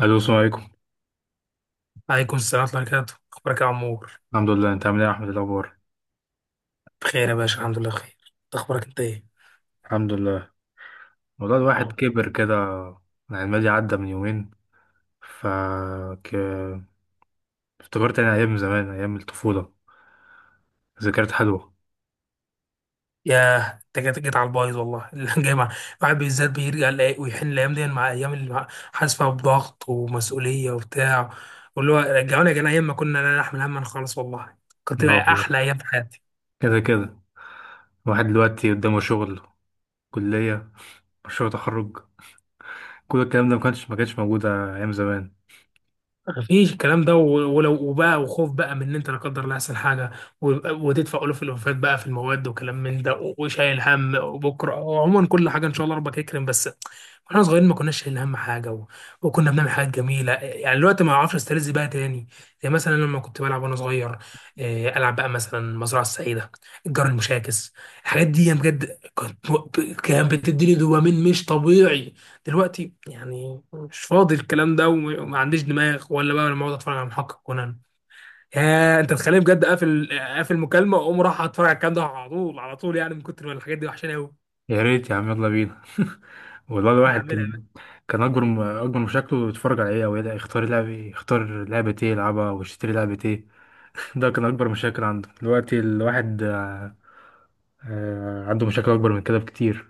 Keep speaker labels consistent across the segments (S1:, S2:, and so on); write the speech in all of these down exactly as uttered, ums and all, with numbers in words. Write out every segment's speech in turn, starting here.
S1: الو، السلام عليكم.
S2: عليكم السلام ورحمة الله وبركاته، أخبارك يا عمور؟
S1: الحمد لله، انت عامل ايه يا احمد؟ إيه الاخبار؟
S2: بخير يا باشا، الحمد لله بخير. أنت أخبارك أنت إيه؟
S1: الحمد لله. والله الواحد
S2: اه.
S1: كبر كده، يعني الماضي عدى من يومين. ف ك... افتكرت يعني ايام زمان، ايام الطفوله. ذكريات حلوه.
S2: ياه، أنت جيت جيت على البايظ والله. اللي جاي مع الواحد بالذات بيرجع يلاقي- ويحن الأيام دي مع أيام اللي مع- حاسس فيها بضغط ومسؤولية وبتاع، واللي هو رجعوني يا جدعان أيام ما كنا لا نحمل هما خالص والله. كنت
S1: اه
S2: بقى
S1: والله،
S2: أحلى أيام في حياتي.
S1: كده كده. الواحد دلوقتي قدامه شغل، كليه، مشروع تخرج. كل الكلام ده ما كانش ما كانش موجود ايام زمان.
S2: مفيش الكلام ده و- ولو وبقى وخوف بقى من ان انت لا قدر الله يحصل حاجه ويبقى- وتدفع الوف الوفات بقى في المواد وكلام من ده و- وشايل هم وبكره، وعموما كل حاجه ان شاء الله ربك يكرم بس. واحنا صغيرين ما كناش شايلين هم حاجه و... وكنا بنعمل حاجات جميله، يعني دلوقتي ما اعرفش استرز بقى تاني. زي مثلا لما كنت بلعب وانا صغير، آه، العب بقى مثلا المزرعه السعيده، الجار المشاكس، الحاجات دي بجد كنت، كانت بتديني دوبامين مش طبيعي. دلوقتي يعني مش فاضي الكلام ده وم- وما عنديش دماغ ولا بقى لما اقعد اتفرج على محقق كونان، يا انت تخليني بجد اقفل اقفل مكالمه واقوم راح اتفرج على الكلام ده على طول على طول، يعني من كتر ما الحاجات دي وحشاني قوي.
S1: يا ريت يا عم، يلا بينا والله الواحد
S2: هنعملها بقى.
S1: كان كان اكبر. اكبر مشاكله يتفرج على ايه، او يلاقي- يختار لعبه يختار لعبه ايه يلعبها، ويشتري لعبه ايه. ده كان أكبر مشاكل عنده. دلوقتي الواحد آه، آه، عنده مشاكل أكبر من كده بكتير.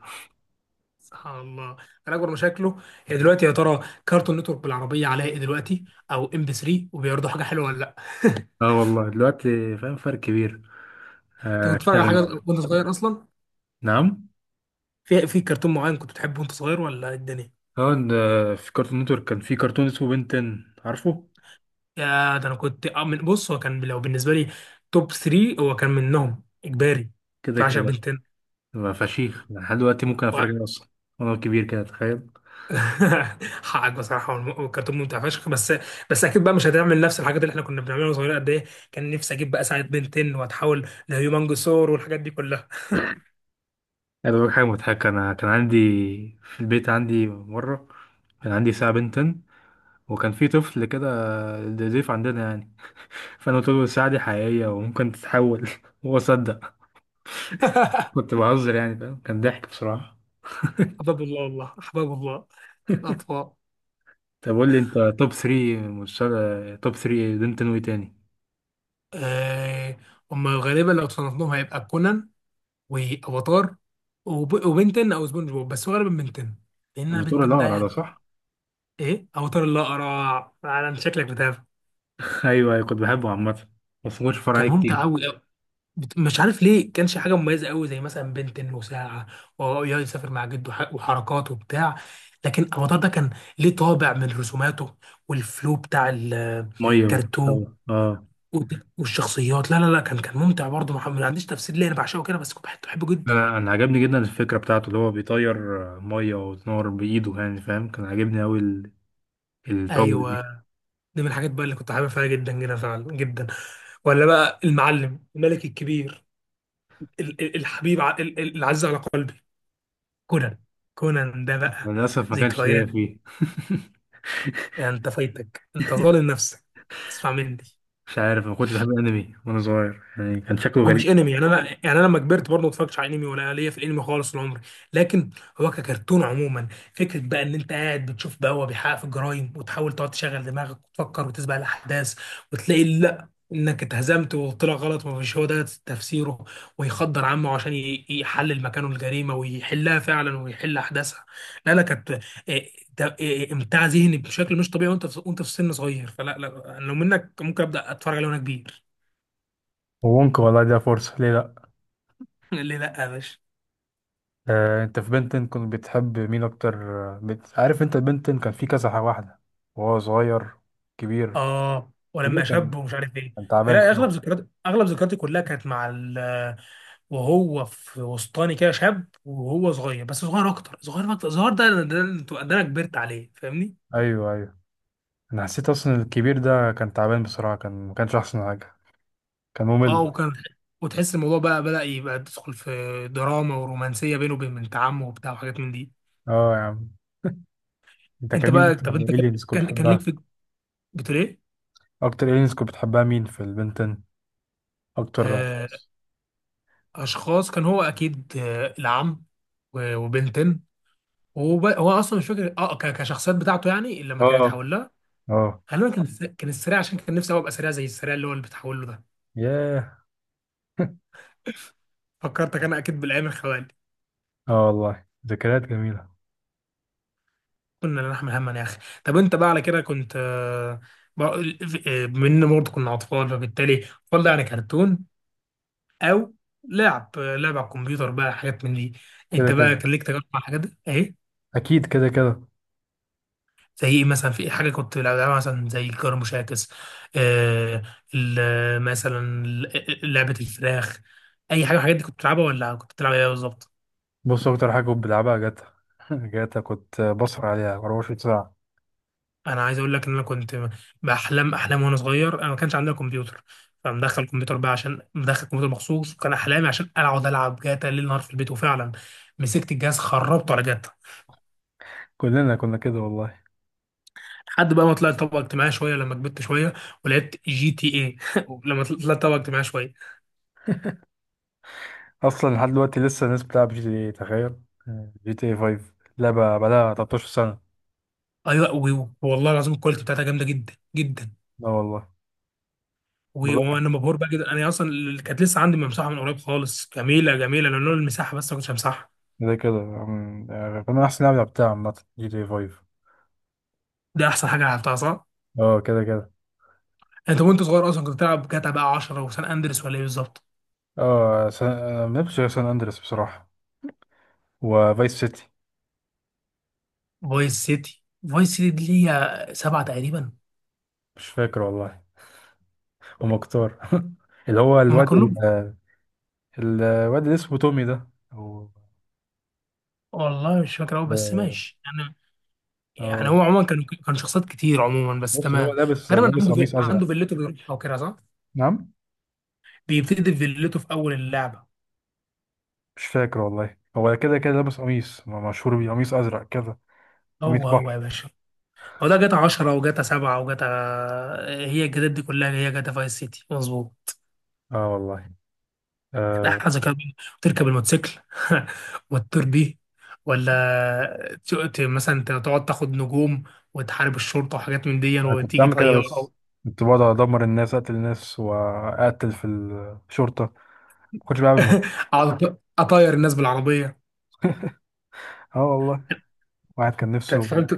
S2: سبحان الله. انا اكبر مشاكله هي دلوقتي يا ترى كارتون نتورك بالعربيه عليها ايه دلوقتي، او ام بي ثري وبيعرضوا حاجه حلوه ولا لا.
S1: اه والله، دلوقتي فاهم فرق كبير.
S2: انت كنت
S1: آه،
S2: بتتفرج على حاجه
S1: اشتغل.
S2: وانت صغير اصلا؟
S1: نعم.
S2: في في كرتون معين كنت بتحبه وانت صغير ولا إيه الدنيا؟
S1: اه إن، آه، في كارتون نتورك كان في كرتون اسمه بنتن، عارفه.
S2: يا ده انا كنت آه، من بص، هو كان لو بالنسبه لي توب ثري هو كان منهم اجباري، كنت
S1: كده
S2: بعشق
S1: كده،
S2: بنتين
S1: بقى فشيخ، لحد دلوقتي ممكن
S2: و...
S1: اتفرج عليه اصلا وانا كبير كده، تخيل.
S2: حقك بصراحه، هو الم- هو الكرتون ممتع فشخ، بس بس اكيد بقى مش هتعمل نفس الحاجات اللي احنا كنا بنعملها واحنا صغيرين. قد ايه كان نفسي اجيب بقى ساعه بنتين واتحول لهيومنجسور والحاجات دي كلها.
S1: انا بقول حاجه مضحكه. انا كان عندي في البيت، عندي مره كان عندي ساعه بنتن، وكان في طفل كده ضيف عندنا يعني. فانا قلت له الساعه دي حقيقيه وممكن تتحول هو صدق. كنت بهزر يعني، فاهم؟ كان ضحك بصراحة.
S2: احباب الله والله، احباب الله الاطفال.
S1: طب قول لي، انت توب ثري، مسلسل توب ثري، دينتون واي تاني؟
S2: آه، هم غالبا لو صنفناهم هيبقى كونان وافاتار وب... وبنتين او سبونج بوب، بس غالبا بنتين لان انا
S1: الدكتور
S2: بنتين ده
S1: الأقرع ده
S2: يعني.
S1: صح؟
S2: ايه اوتار الاقرع، فعلا شكلك بتابع.
S1: ايوه ايوه، كنت بحبه عامة، بس ما كنتش بتفرج
S2: كان
S1: عليه
S2: ممتع
S1: كتير.
S2: قوي قوي، مش عارف ليه، كانش حاجه مميزه قوي زي مثلا بنتن وساعه وهو يقعد يسافر مع جده وح- وحركات وبتاع، لكن اوتار ده كان ليه طابع من رسوماته والفلو بتاع
S1: مية و...
S2: الكرتون
S1: أو. اه
S2: والت- والشخصيات. لا لا لا، كان كان ممتع برضه محمد، ما عنديش تفسير ليه انا بعشقه كده، بس كنت بحب- بحبه جدا.
S1: انا انا عجبني جدا الفكرة بتاعته، اللي هو بيطير آه، مية وتنور بإيده، يعني فاهم؟ كان عاجبني اوي ال- الباور دي.
S2: ايوه، دي من الحاجات بقى اللي كنت حابب فيها جدا جدا فعلا جدا. ولا بقى المعلم الملك الكبير، ال- ال- الحبيب ع- ال- ال- العزيز على قلبي كونان. كونان ده بقى
S1: للأسف ما كانش
S2: ذكريات.
S1: ليا فيه.
S2: يعني انت فايتك، انت ظالم نفسك، اسمع مني.
S1: مش عارف، ما كنتش بحب الأنمي وأنا صغير، يعني كان شكله
S2: هو
S1: غريب.
S2: مش انمي يعني، انا يعني انا لما كبرت برضه ما اتفرجتش على انمي ولا ليا في الانمي خالص طول عمري، لكن هو ككرتون عموما، فكره بقى ان انت قاعد بتشوف بقى هو بيحقق في الجرايم، وتحاول تقعد تشغل دماغك وتفكر وتسبق الاحداث وتلاقي لا انك اتهزمت وطلع غلط ومش هو ده تفسيره، ويخدر عمه عشان ي- يحلل مكانه الجريمه ويحلها فعلا ويحل احداثها. لا لا، كانت إيه، ده- إيه، امتاع ذهني بشكل مش طبيعي وانت في، وانت في سن صغير. فلا لا، لو منك ممكن ابدا اتفرج عليه وانا كبير.
S1: وممكن والله ده فرصة، ليه لأ؟
S2: ليه لا يا باشا؟
S1: آه، انت في بنتن كنت بتحب مين اكتر؟ آه، بت... عارف انت بنتن كان في كذا واحده، وهو صغير، كبير.
S2: اه،
S1: كبير
S2: ولما
S1: كان،
S2: شاب ومش عارف ايه.
S1: كان تعبان
S2: لا اغلب
S1: بصراحه.
S2: ذكريات، اغلب ذكرياتي كلها كانت مع ال... وهو في وسطاني كده شاب، وهو صغير، بس صغير اكتر، صغير اكتر صغير، ده ده, ده انا كبرت عليه فاهمني.
S1: ايوه ايوه، انا حسيت اصلا الكبير ده كان تعبان بصراحه، كان ما كانش احسن حاجه، كان
S2: اه
S1: ممل.
S2: وكان، وتحس الموضوع بقى بدأ يبقى تدخل في دراما ورومانسية بينه وبين بنت عمه وبتاع وحاجات من دي.
S1: اه يا عم، انت
S2: انت
S1: كان مين
S2: بقى،
S1: اكتر
S2: طب انت كان،
S1: الينز كنت
S2: كان, كان ليك
S1: بتحبها؟
S2: في، بتقول ايه؟
S1: اكتر الينز كنت بتحبها مين في البنتن؟ اكتر
S2: آه،
S1: اشخاص؟
S2: اشخاص، كان هو اكيد آه، العم و- وبنتين، وهو بقى- هو اصلا مش فاكر اه ك- كشخصيات بتاعته، يعني لما
S1: اه.
S2: كانت حواليها.
S1: اه.
S2: غالبا كان الس- كان السريع، عشان كان نفسي أوي ابقى سريع زي السريع اللي هو اللي بتحول له ده.
S1: ياه.
S2: فكرتك انا اكيد بالايام الخوالي.
S1: اه والله، ذكريات جميله.
S2: كنا لا نحمل هما يا اخي. طب انت بقى على كده كنت، آه، بقى- آه، بما برضه كنا اطفال، فبالتالي اطفال ده يعني كرتون، او لعب آه، لعب على الكمبيوتر بقى، حاجات من دي.
S1: كده
S2: انت بقى
S1: كده،
S2: كان ليك تجارب مع الحاجات دي ايه؟
S1: اكيد كده كده.
S2: زي ايه مثلا؟ في إيه حاجه كنت بلعبها مثلا زي الجار المشاكس؟ آه، ال- مثلا ال- لعبه الفراخ، اي حاجه من الحاجات دي كنت بتلعبها، ولا كنت بتلعب ايه بالظبط؟
S1: بص، اكتر حاجه كنت بلعبها جاتا. جاتا، كنت بسهر عليها 24 ساعه.
S2: انا عايز اقول لك ان انا كنت باحلام احلام وانا صغير، انا ما كانش عندنا كمبيوتر، فمدخل كمبيوتر بقى، عشان مدخل كمبيوتر مخصوص، وكان احلامي عشان اقعد العب جاتا ليل نهار في البيت، وفعلا مسكت الجهاز خربته على جاتا.
S1: كلنا كنا كده والله.
S2: لحد بقى ما طلعت طبقه اجتماعيه شويه لما كبرت شويه ولعبت جي تي ايه. لما طلعت طبقه اجتماعيه شويه.
S1: اصلا لحد دلوقتي لسه الناس بتلعب جي تي اي، تخيل. آه، جي تي اي خمسة لعبه بقالها 13 سنه.
S2: ايوه و- والله العظيم الكواليتي بتاعتها جامده جدا جدا،
S1: لا والله.
S2: و-
S1: بقولك،
S2: وانا مبهور بقى جدا، انا اصلا اللي كانت لسه عندي ممسوحه من قريب خالص، جميله جميله لولا المساحه، بس ما كنتش همسحها.
S1: ده كده أم، يعني كنا احسن لعبه لعبتها عامه جي تي اي فايف.
S2: ده احسن حاجه لعبتها، صح.
S1: اه كده كده.
S2: انت وانت صغير اصلا كنت بتلعب جاتا بقى عشرة وسان اندرس ولا ايه بالظبط؟
S1: اه سان... آه، ما لعبتش غير سان اندريس بصراحه، وفايس سيتي.
S2: فايس سيتي. فايس سيتي دي ليها سبعه تقريبا.
S1: مش فاكر والله. ومختار اللي هو
S2: هما
S1: الواد
S2: كلهم.
S1: ال- الواد اللي اسمه تومي ده. أو-
S2: والله مش فاكر قوي بس
S1: اه.
S2: ماشي يعني. يعني
S1: آه.
S2: هو عموما كان، كان شخصيات كتير عموما بس
S1: بص، اللي هو
S2: تمام.
S1: لابس
S2: تقريبا
S1: لابس
S2: عنده في...
S1: قميص ازرق.
S2: عنده فيلته بيروحها وكده صح؟
S1: نعم.
S2: بيبتدي في فيلته في اول اللعبه.
S1: مش فاكر والله، هو كده كده لابس قميص م- مشهور بيه، قميص ازرق كده، قميص
S2: هو هو يا
S1: بحر.
S2: باشا، هو ده جاتا عشرة وجاتا سبعة وجاتا، هي الجداد دي كلها، هي جاتا فايس سيتي مظبوط.
S1: اه والله.
S2: لا
S1: آه،
S2: حاجة كده، تركب الموتوسيكل وتطير بيه، ولا ت- ت- مثلا ت- تقعد تاخد نجوم وتحارب الشرطة وحاجات من دي
S1: انا كنت
S2: وتيجي
S1: بعمل كده،
S2: طيارة
S1: بس
S2: أو
S1: كنت بقعد ادمر الناس، اقتل الناس، واقتل في الشرطه. ما كنتش بعمل مهم.
S2: أقعد أط- أطير الناس بالعربية.
S1: اه والله، واحد كان
S2: انت
S1: نفسه.
S2: فاهم، ت-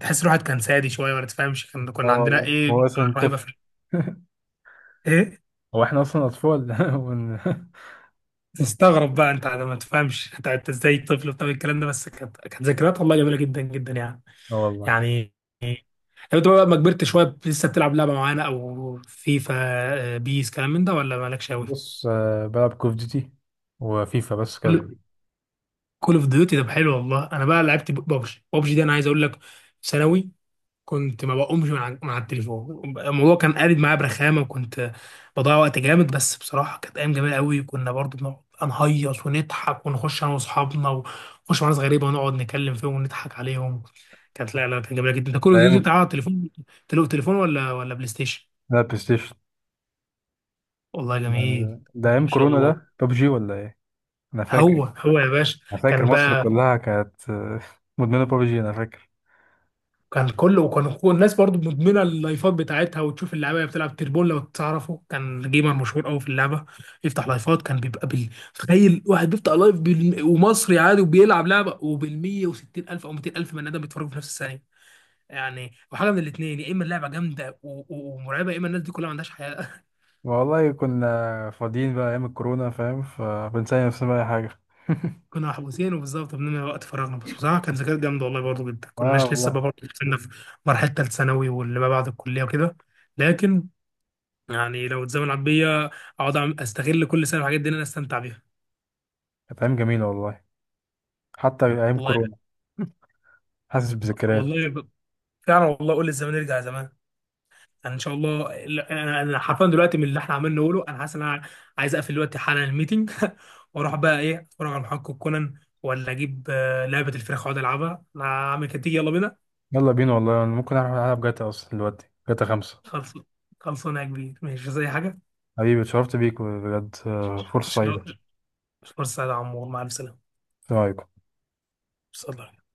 S2: تحس الواحد كان سادي شوية ولا تفهمش، كان
S1: اه
S2: كنا عندنا
S1: والله، هو
S2: إيه،
S1: اصلا
S2: رهيبة في
S1: طفل.
S2: إيه.
S1: هو احنا اصلا اطفال ون-
S2: تستغرب بقى أنت ما تفهمش أنت أنت إزاي طفل بتعمل الكلام ده، بس كانت كانت ذكريات والله جميلة جدا جدا يعني.
S1: اه والله.
S2: يعني لو أنت بقى ما كبرت شوية لسه بتلعب لعبة معانا أو فيفا، آه، بيس كلام من ده ولا مالكش أوي؟
S1: بص، آه بلعب كوف ديوتي وفيفا بس
S2: كل،
S1: كده.
S2: كول اوف ديوتي. طب حلو والله، انا بقى لعبت ببجي. ببجي دي انا عايز اقول لك، في ثانوي كنت ما بقومش من على من على التليفون، الموضوع كان قالب معايا برخامه، وكنت بضيع وقت جامد، بس بصراحه كانت ايام جميله قوي، كنا برضو بنقعد نهيص ونضحك ونخش انا واصحابنا، ونخش مع ناس غريبه ونقعد نكلم فيهم ونضحك عليهم. كانت لا لا كانت جميله جدا. انت كول اوف
S1: لا
S2: ديوتي بتاع
S1: يمكن.
S2: على التليفون؟ تلو- تليفون ولا ولا بلاي ستيشن؟
S1: لا، بلاي ستيشن.
S2: والله
S1: ده
S2: جميل.
S1: ده
S2: ما
S1: ايام
S2: شاء
S1: كورونا،
S2: الله.
S1: ده ببجي ولا ايه؟ انا
S2: هو
S1: فاكر.
S2: هو يا باشا.
S1: انا فاكر
S2: كان،
S1: مصر كلها كانت آه، مدمنه ببجي، انا فاكر.
S2: كان كله وكان كل الناس برضو مدمنه اللايفات بتاعتها، وتشوف اللعيبه اللي بتلعب تربون لو تعرفه، كان جيمر مشهور قوي في اللعبه يفتح لايفات، كان بيبقى بال، تخيل واحد بيفتح لايف بال... ومصري عادي وبيلعب لعبه، وبال مية وستين الف او ميتين الف بني ادم بيتفرجوا في نفس الثانيه. يعني وحاجه من الاثنين، يا اما اللعبه جامده و... و... ومرعبه، يا اما الناس دي كلها ما عندهاش حياه.
S1: والله كنا فاضيين بقى ايام الكورونا، فاهم؟ فبنسأل نفسنا بقى اي حاجه.
S2: كنا محبوسين وبالظبط بنملى وقت فراغنا، بس بصراحه كان ذكريات جامده والله برضو جدا،
S1: اه
S2: كناش لسه
S1: والله،
S2: بقى برضو كنا في مرحله ثالث ثانوي واللي ما بعد الكليه وكده، لكن يعني لو اتزمن عبية اقعد أعمل- استغل كل سنه الحاجات دي ان انا استمتع بيها.
S1: كانت ايام جميله والله، حتى ايام
S2: والله.
S1: كورونا. حاسس بذكريات.
S2: والله ب- فعلا والله، قول الزمن يرجع زمان. يعني ان شاء الله. لا، انا أنا حرفيا دلوقتي من اللي احنا عمالين نقوله، انا حاسس ان انا عايز اقفل دلوقتي حالا الميتنج واروح بقى ايه، اتفرج على محقق كونان ولا اجيب آه، لعبه الفراخ واقعد العبها انا، عامل كده، يلا بينا.
S1: يلا بينا والله، انا ممكن اروح العب جاتا اصلا دلوقتي، جاتا خمسة.
S2: خلص، خلصانه يا كبير، ماشي زي حاجه.
S1: حبيبي، اتشرفت بيك بجد،
S2: ش-
S1: آه،
S2: ش-
S1: فرصه سعيده.
S2: ش- فرصه يا عمور، مع السلامه.
S1: السلام عليكم.
S2: صلى الله عليه وسلم.